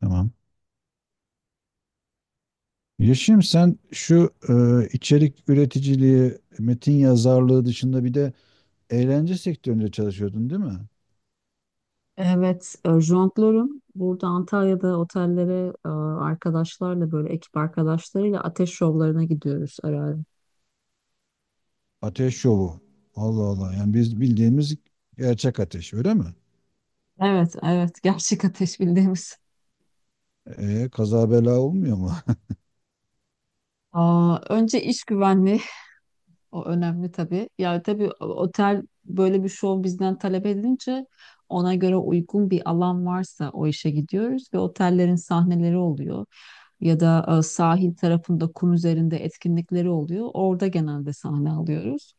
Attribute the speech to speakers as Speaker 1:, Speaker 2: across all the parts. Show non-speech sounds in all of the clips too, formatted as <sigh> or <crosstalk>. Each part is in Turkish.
Speaker 1: Tamam. Yeşim, sen şu içerik üreticiliği, metin yazarlığı dışında bir de eğlence sektöründe çalışıyordun değil mi?
Speaker 2: Evet, jonglörüm. Burada Antalya'da otellere arkadaşlarla böyle ekip arkadaşlarıyla ateş şovlarına gidiyoruz ara ara.
Speaker 1: Ateş şovu. Allah Allah. Yani biz bildiğimiz gerçek ateş öyle mi?
Speaker 2: Evet, evet. <laughs> Gerçek ateş bildiğimiz.
Speaker 1: Kaza bela olmuyor mu? <laughs>
Speaker 2: Aa, önce iş güvenliği. <laughs> O önemli tabii. Yani tabii otel böyle bir şov bizden talep edince ona göre uygun bir alan varsa o işe gidiyoruz ve otellerin sahneleri oluyor. Ya da sahil tarafında kum üzerinde etkinlikleri oluyor. Orada genelde sahne alıyoruz.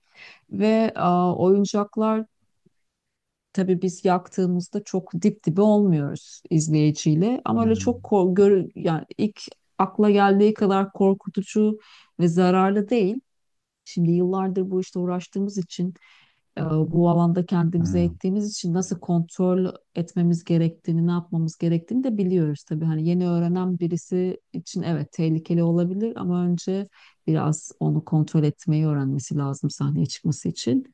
Speaker 2: Ve oyuncaklar tabii biz yaktığımızda çok dip dibe olmuyoruz izleyiciyle. Ama öyle
Speaker 1: Yani,
Speaker 2: çok gör yani ilk akla geldiği kadar korkutucu ve zararlı değil. Şimdi yıllardır bu işte uğraştığımız için, bu alanda kendimize
Speaker 1: ha.
Speaker 2: ettiğimiz için nasıl kontrol etmemiz gerektiğini, ne yapmamız gerektiğini de biliyoruz tabii. Hani yeni öğrenen birisi için evet tehlikeli olabilir ama önce biraz onu kontrol etmeyi öğrenmesi lazım sahneye çıkması için.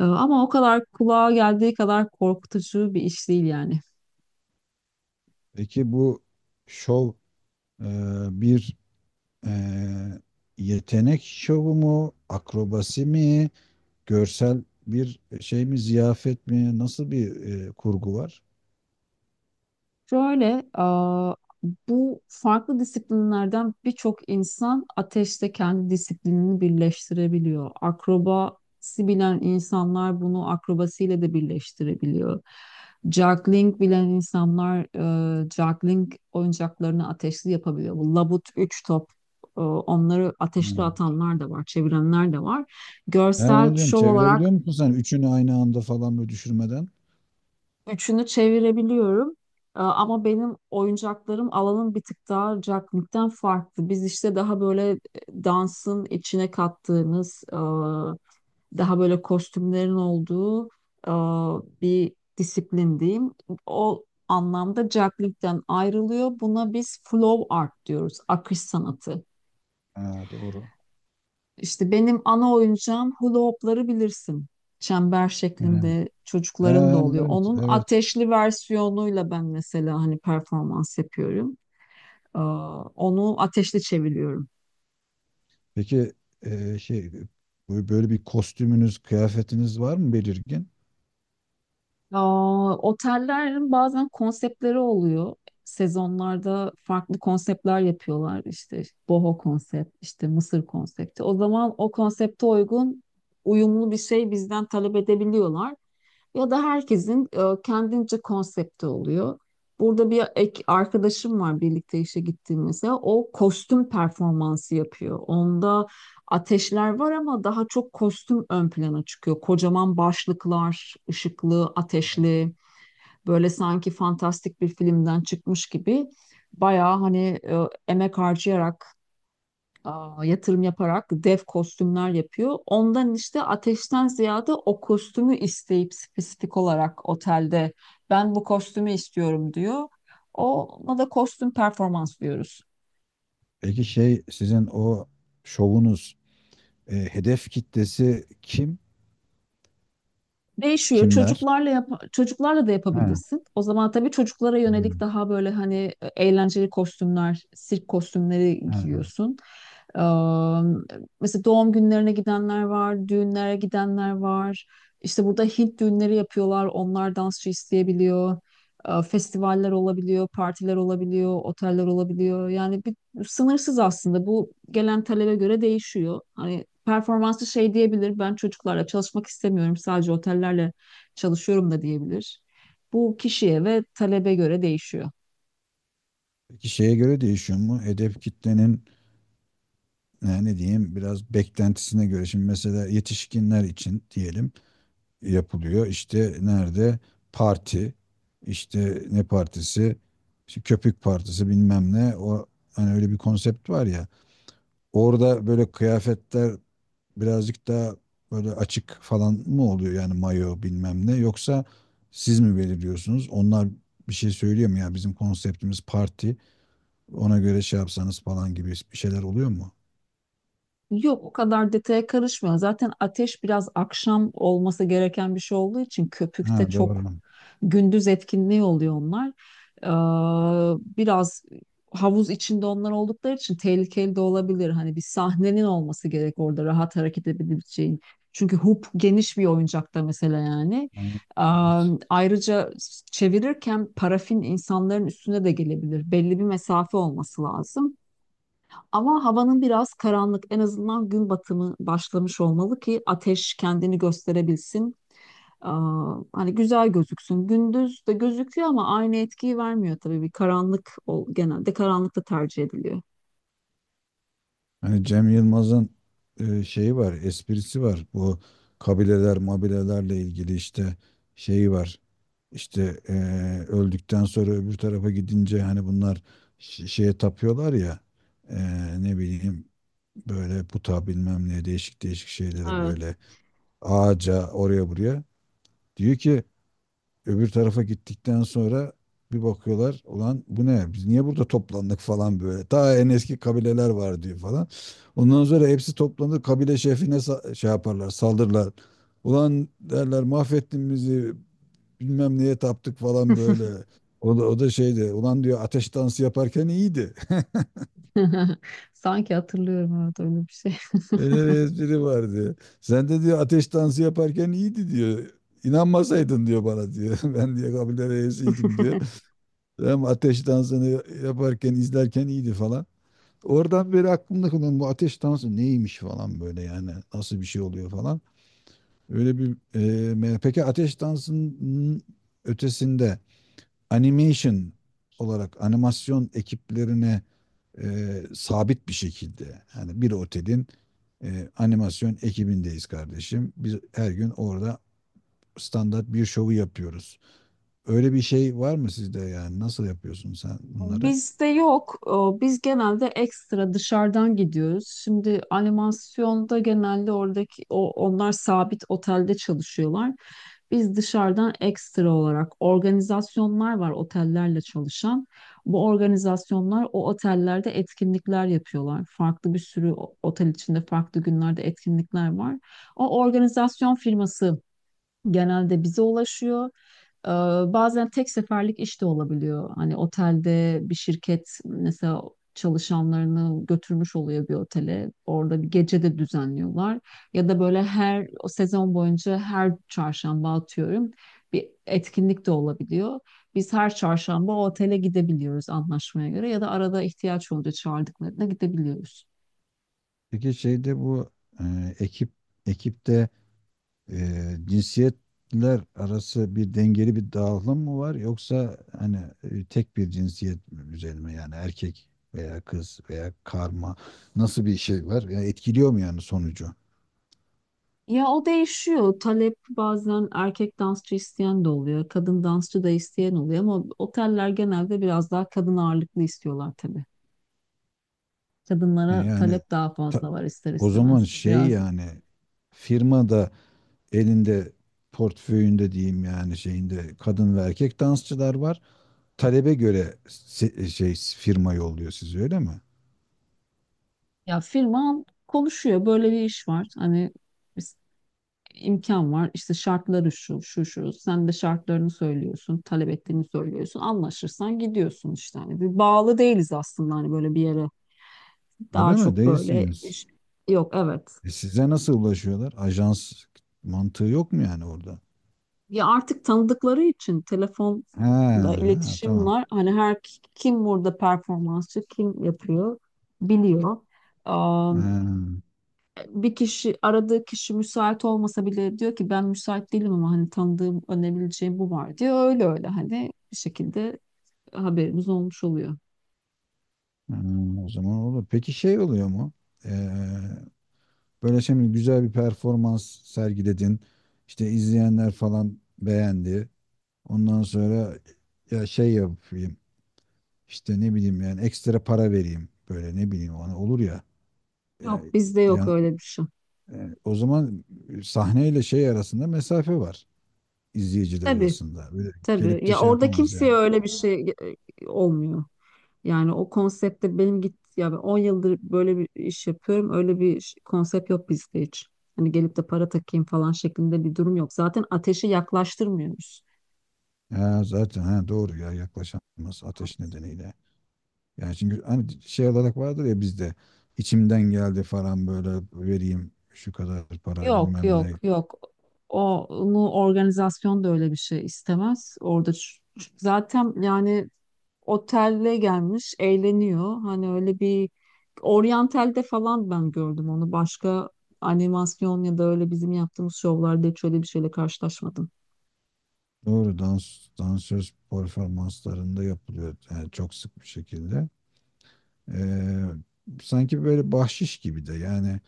Speaker 2: Ama o kadar kulağa geldiği kadar korkutucu bir iş değil yani.
Speaker 1: Peki bu şov e, bir e, yetenek şovu mu? Akrobasi mi? Görsel bir şey mi? Ziyafet mi? Nasıl bir kurgu var?
Speaker 2: Şöyle, aa, bu farklı disiplinlerden birçok insan ateşte kendi disiplinini birleştirebiliyor. Akrobasi bilen insanlar bunu akrobasiyle de birleştirebiliyor. Juggling bilen insanlar juggling oyuncaklarını ateşli yapabiliyor. Bu labut, üç top, onları ateşli atanlar da var, çevirenler de var.
Speaker 1: He,
Speaker 2: Görsel
Speaker 1: onu diyorum,
Speaker 2: şov olarak
Speaker 1: çevirebiliyor musun sen üçünü aynı anda falan böyle düşürmeden?
Speaker 2: üçünü çevirebiliyorum. Ama benim oyuncaklarım alanın bir tık daha cakmikten farklı. Biz işte daha böyle dansın içine kattığımız, daha böyle kostümlerin olduğu e, bir disiplin diyeyim. O anlamda cakmikten ayrılıyor. Buna biz flow art diyoruz, akış sanatı.
Speaker 1: Ha, doğru.
Speaker 2: İşte benim ana oyuncağım hula hopları bilirsin. Çember
Speaker 1: He.
Speaker 2: şeklinde
Speaker 1: He,
Speaker 2: çocukların da oluyor.
Speaker 1: evet,
Speaker 2: Onun
Speaker 1: evet.
Speaker 2: ateşli versiyonuyla ben mesela hani performans yapıyorum. Ee, onu ateşli çeviriyorum.
Speaker 1: Peki şey, böyle bir kostümünüz, kıyafetiniz var mı belirgin?
Speaker 2: Aa, otellerin bazen konseptleri oluyor. Sezonlarda farklı konseptler yapıyorlar. İşte boho konsept, işte Mısır konsepti. O zaman o konsepte uygun uyumlu bir şey bizden talep edebiliyorlar. Ya da herkesin kendince konsepti oluyor. Burada bir ek arkadaşım var birlikte işe gittiğim mesela. O kostüm performansı yapıyor. Onda ateşler var ama daha çok kostüm ön plana çıkıyor. Kocaman başlıklar, ışıklı, ateşli, böyle sanki fantastik bir filmden çıkmış gibi bayağı hani emek harcayarak, yatırım yaparak dev kostümler yapıyor. Ondan işte ateşten ziyade o kostümü isteyip spesifik olarak otelde ben bu kostümü istiyorum diyor. Ona da kostüm performans diyoruz.
Speaker 1: Peki şey, sizin o şovunuz hedef kitlesi kim?
Speaker 2: Değişiyor.
Speaker 1: Kimler?
Speaker 2: Çocuklarla da
Speaker 1: Ha.
Speaker 2: yapabilirsin. O zaman tabii çocuklara yönelik
Speaker 1: Hmm,
Speaker 2: daha böyle hani eğlenceli kostümler, sirk kostümleri
Speaker 1: ha.
Speaker 2: giyiyorsun. Ee, mesela doğum günlerine gidenler var, düğünlere gidenler var. İşte burada Hint düğünleri yapıyorlar. Onlar dansçı isteyebiliyor. Festivaller olabiliyor, partiler olabiliyor, oteller olabiliyor. Yani sınırsız aslında. Bu gelen talebe göre değişiyor. Hani performansı şey diyebilir. Ben çocuklarla çalışmak istemiyorum. Sadece otellerle çalışıyorum da diyebilir. Bu kişiye ve talebe göre değişiyor.
Speaker 1: Peki şeye göre değişiyor mu? Hedef kitlenin, yani ne diyeyim, biraz beklentisine göre. Şimdi mesela yetişkinler için diyelim. Yapılıyor. İşte nerede? Parti. İşte ne partisi? İşte köpük partisi, bilmem ne. O, hani öyle bir konsept var ya. Orada böyle kıyafetler birazcık daha böyle açık falan mı oluyor, yani mayo bilmem ne, yoksa siz mi belirliyorsunuz? Onlar bir şey söylüyor mu, ya bizim konseptimiz parti, ona göre şey yapsanız falan gibi bir şeyler oluyor mu?
Speaker 2: Yok o kadar detaya karışmıyor. Zaten ateş biraz akşam olması gereken bir şey olduğu için
Speaker 1: Ha,
Speaker 2: köpükte çok
Speaker 1: doğru.
Speaker 2: gündüz etkinliği oluyor onlar. Biraz havuz içinde onlar oldukları için tehlikeli de olabilir. Hani bir sahnenin olması gerek orada rahat hareket edebileceğin. Çünkü hoop geniş bir oyuncakta mesela yani.
Speaker 1: Aynen. Evet.
Speaker 2: Ee, ayrıca çevirirken parafin insanların üstüne de gelebilir. Belli bir mesafe olması lazım. Ama havanın biraz karanlık. En azından gün batımı başlamış olmalı ki ateş kendini gösterebilsin. Aa, hani güzel gözüksün. Gündüz de gözüküyor ama aynı etkiyi vermiyor tabii. Bir karanlık ol, genelde karanlıkta tercih ediliyor.
Speaker 1: Hani Cem Yılmaz'ın şeyi var, esprisi var. Bu kabileler, mabilelerle ilgili işte şeyi var. İşte öldükten sonra öbür tarafa gidince hani bunlar şeye tapıyorlar ya, e, ne bileyim, böyle puta bilmem ne, değişik değişik şeylere
Speaker 2: Evet.
Speaker 1: böyle, ağaca, oraya buraya. Diyor ki, öbür tarafa gittikten sonra bir bakıyorlar, ulan bu ne, biz niye burada toplandık falan böyle. Ta en eski kabileler var diyor falan. Ondan sonra hepsi toplanır, kabile şefine şey yaparlar, saldırırlar. Ulan derler, mahvettin bizi, bilmem neye taptık falan böyle. O da şeydi, ulan diyor, ateş dansı yaparken iyiydi.
Speaker 2: <laughs> Sanki hatırlıyorum evet öyle bir şey.
Speaker 1: <laughs> Öyle bir espri vardı. Sen de diyor, ateş dansı yaparken iyiydi diyor. İnanmasaydın diyor bana diyor. <laughs> Ben diye kabile reisiydim diyor. Hem ateş dansını yaparken, izlerken iyiydi falan. Oradan beri aklımda kalan bu, ateş dansı neymiş falan böyle, yani nasıl bir şey oluyor falan. Öyle bir peki ateş dansının ötesinde animation olarak animasyon ekiplerine sabit bir şekilde, yani bir otelin animasyon ekibindeyiz kardeşim. Biz her gün orada standart bir şovu yapıyoruz. Öyle bir şey var mı sizde, yani nasıl yapıyorsun sen
Speaker 2: <laughs>
Speaker 1: bunları?
Speaker 2: Bizde yok. Biz genelde ekstra dışarıdan gidiyoruz. Şimdi animasyonda genelde oradaki onlar sabit otelde çalışıyorlar. Biz dışarıdan ekstra olarak organizasyonlar var otellerle çalışan. Bu organizasyonlar o otellerde etkinlikler yapıyorlar. Farklı bir sürü otel içinde farklı günlerde etkinlikler var. O organizasyon firması genelde bize ulaşıyor. Ee, Bazen tek seferlik iş de olabiliyor. Hani otelde bir şirket mesela çalışanlarını götürmüş oluyor bir otele. Orada bir gece de düzenliyorlar. Ya da böyle her o sezon boyunca her çarşamba atıyorum bir etkinlik de olabiliyor. Biz her çarşamba o otele gidebiliyoruz anlaşmaya göre ya da arada ihtiyaç olunca çağırdıklarına gidebiliyoruz.
Speaker 1: Peki şeyde, bu e, ekip ekipte cinsiyetler arası bir dengeli bir dağılım mı var, yoksa hani tek bir cinsiyet üzerine, yani erkek veya kız veya karma, nasıl bir şey var? Yani etkiliyor mu yani sonucu?
Speaker 2: Ya o değişiyor. Talep bazen erkek dansçı isteyen de oluyor. Kadın dansçı da isteyen oluyor ama oteller genelde biraz daha kadın ağırlıklı istiyorlar tabii.
Speaker 1: Ha,
Speaker 2: Kadınlara
Speaker 1: yani
Speaker 2: talep daha
Speaker 1: ta-
Speaker 2: fazla var ister
Speaker 1: o zaman
Speaker 2: istemez.
Speaker 1: şey,
Speaker 2: Biraz
Speaker 1: yani firmada, elinde, portföyünde diyeyim, yani şeyinde kadın ve erkek dansçılar var. Talebe göre şey, firma yolluyor sizi öyle mi?
Speaker 2: ya firma konuşuyor. Böyle bir iş var. Hani biz- imkan var. İşte şartları şu, şu, şu. Sen de şartlarını söylüyorsun. Talep ettiğini söylüyorsun. Anlaşırsan gidiyorsun işte. Hani bir bağlı değiliz aslında hani böyle bir yere. Daha
Speaker 1: Öyle mi?
Speaker 2: çok böyle
Speaker 1: Değilsiniz.
Speaker 2: iş. Yok evet.
Speaker 1: E size nasıl ulaşıyorlar? Ajans mantığı yok mu yani orada?
Speaker 2: Ya artık tanıdıkları için
Speaker 1: Ha,
Speaker 2: telefonda
Speaker 1: ha
Speaker 2: iletişim
Speaker 1: tamam.
Speaker 2: var. Hani her kim burada performansçı, kim yapıyor biliyor. Aa,
Speaker 1: Ha.
Speaker 2: bir kişi aradığı kişi müsait olmasa bile diyor ki ben müsait değilim ama hani tanıdığım önebileceğim bu var diyor. Öyle öyle hani bir şekilde haberimiz olmuş oluyor.
Speaker 1: Hmm, o zaman olur. Peki şey oluyor mu? Ee, Böyle şimdi güzel bir performans sergiledin. İşte izleyenler falan beğendi. Ondan sonra ya şey yapayım. İşte ne bileyim, yani ekstra para vereyim. Böyle, ne bileyim, ona olur ya. Ya,
Speaker 2: Yok bizde yok
Speaker 1: ya-
Speaker 2: öyle bir şey.
Speaker 1: o zaman sahneyle şey arasında mesafe var. İzleyiciler
Speaker 2: Tabii
Speaker 1: arasında. Böyle
Speaker 2: tabii
Speaker 1: gelip de
Speaker 2: ya
Speaker 1: şey
Speaker 2: orada
Speaker 1: yapamaz
Speaker 2: kimseye
Speaker 1: yani.
Speaker 2: öyle bir şey olmuyor. Yani o konsepte benim git ya ben 10 yıldır böyle bir iş yapıyorum. Öyle bir konsept yok bizde hiç. Hani gelip de para takayım falan şeklinde bir durum yok. Zaten ateşi yaklaştırmıyoruz.
Speaker 1: Ya zaten, ha, doğru ya, yaklaşamaz ateş nedeniyle. Yani çünkü hani şey olarak vardır ya bizde, içimden geldi falan böyle, vereyim şu kadar para
Speaker 2: Yok
Speaker 1: bilmem
Speaker 2: yok
Speaker 1: ne.
Speaker 2: yok. O, onu organizasyon da öyle bir şey istemez. Orada zaten yani otelle gelmiş eğleniyor. Hani öyle bir oryantalde falan ben gördüm onu. Başka animasyon ya da öyle bizim yaptığımız şovlarda hiç öyle bir şeyle karşılaşmadım.
Speaker 1: Doğru, dans, dansöz performanslarında yapılıyor yani çok sık bir şekilde. Ee, Sanki böyle bahşiş gibi de yani,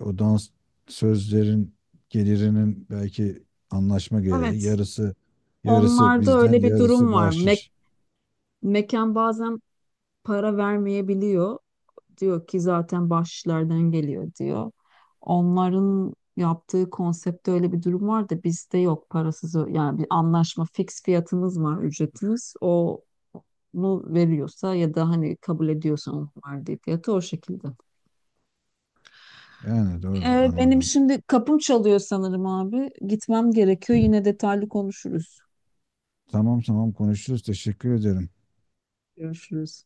Speaker 1: o dans sözlerin gelirinin belki anlaşma gereği
Speaker 2: Evet,
Speaker 1: yarısı, yarısı
Speaker 2: onlarda
Speaker 1: bizden
Speaker 2: öyle bir durum
Speaker 1: yarısı
Speaker 2: var.
Speaker 1: bahşiş.
Speaker 2: Mekan bazen para vermeyebiliyor. Diyor ki zaten bahşişlerden geliyor diyor. Onların yaptığı konseptte öyle bir durum var da bizde yok parasız yani bir anlaşma fix fiyatımız var ücretimiz onu veriyorsa ya da hani kabul ediyorsa onun verdiği fiyatı o şekilde.
Speaker 1: Yani doğru
Speaker 2: Benim
Speaker 1: anladım.
Speaker 2: şimdi kapım çalıyor sanırım abi. Gitmem gerekiyor. Yine detaylı konuşuruz.
Speaker 1: Tamam, tamam, konuşuruz, teşekkür ederim.
Speaker 2: Görüşürüz.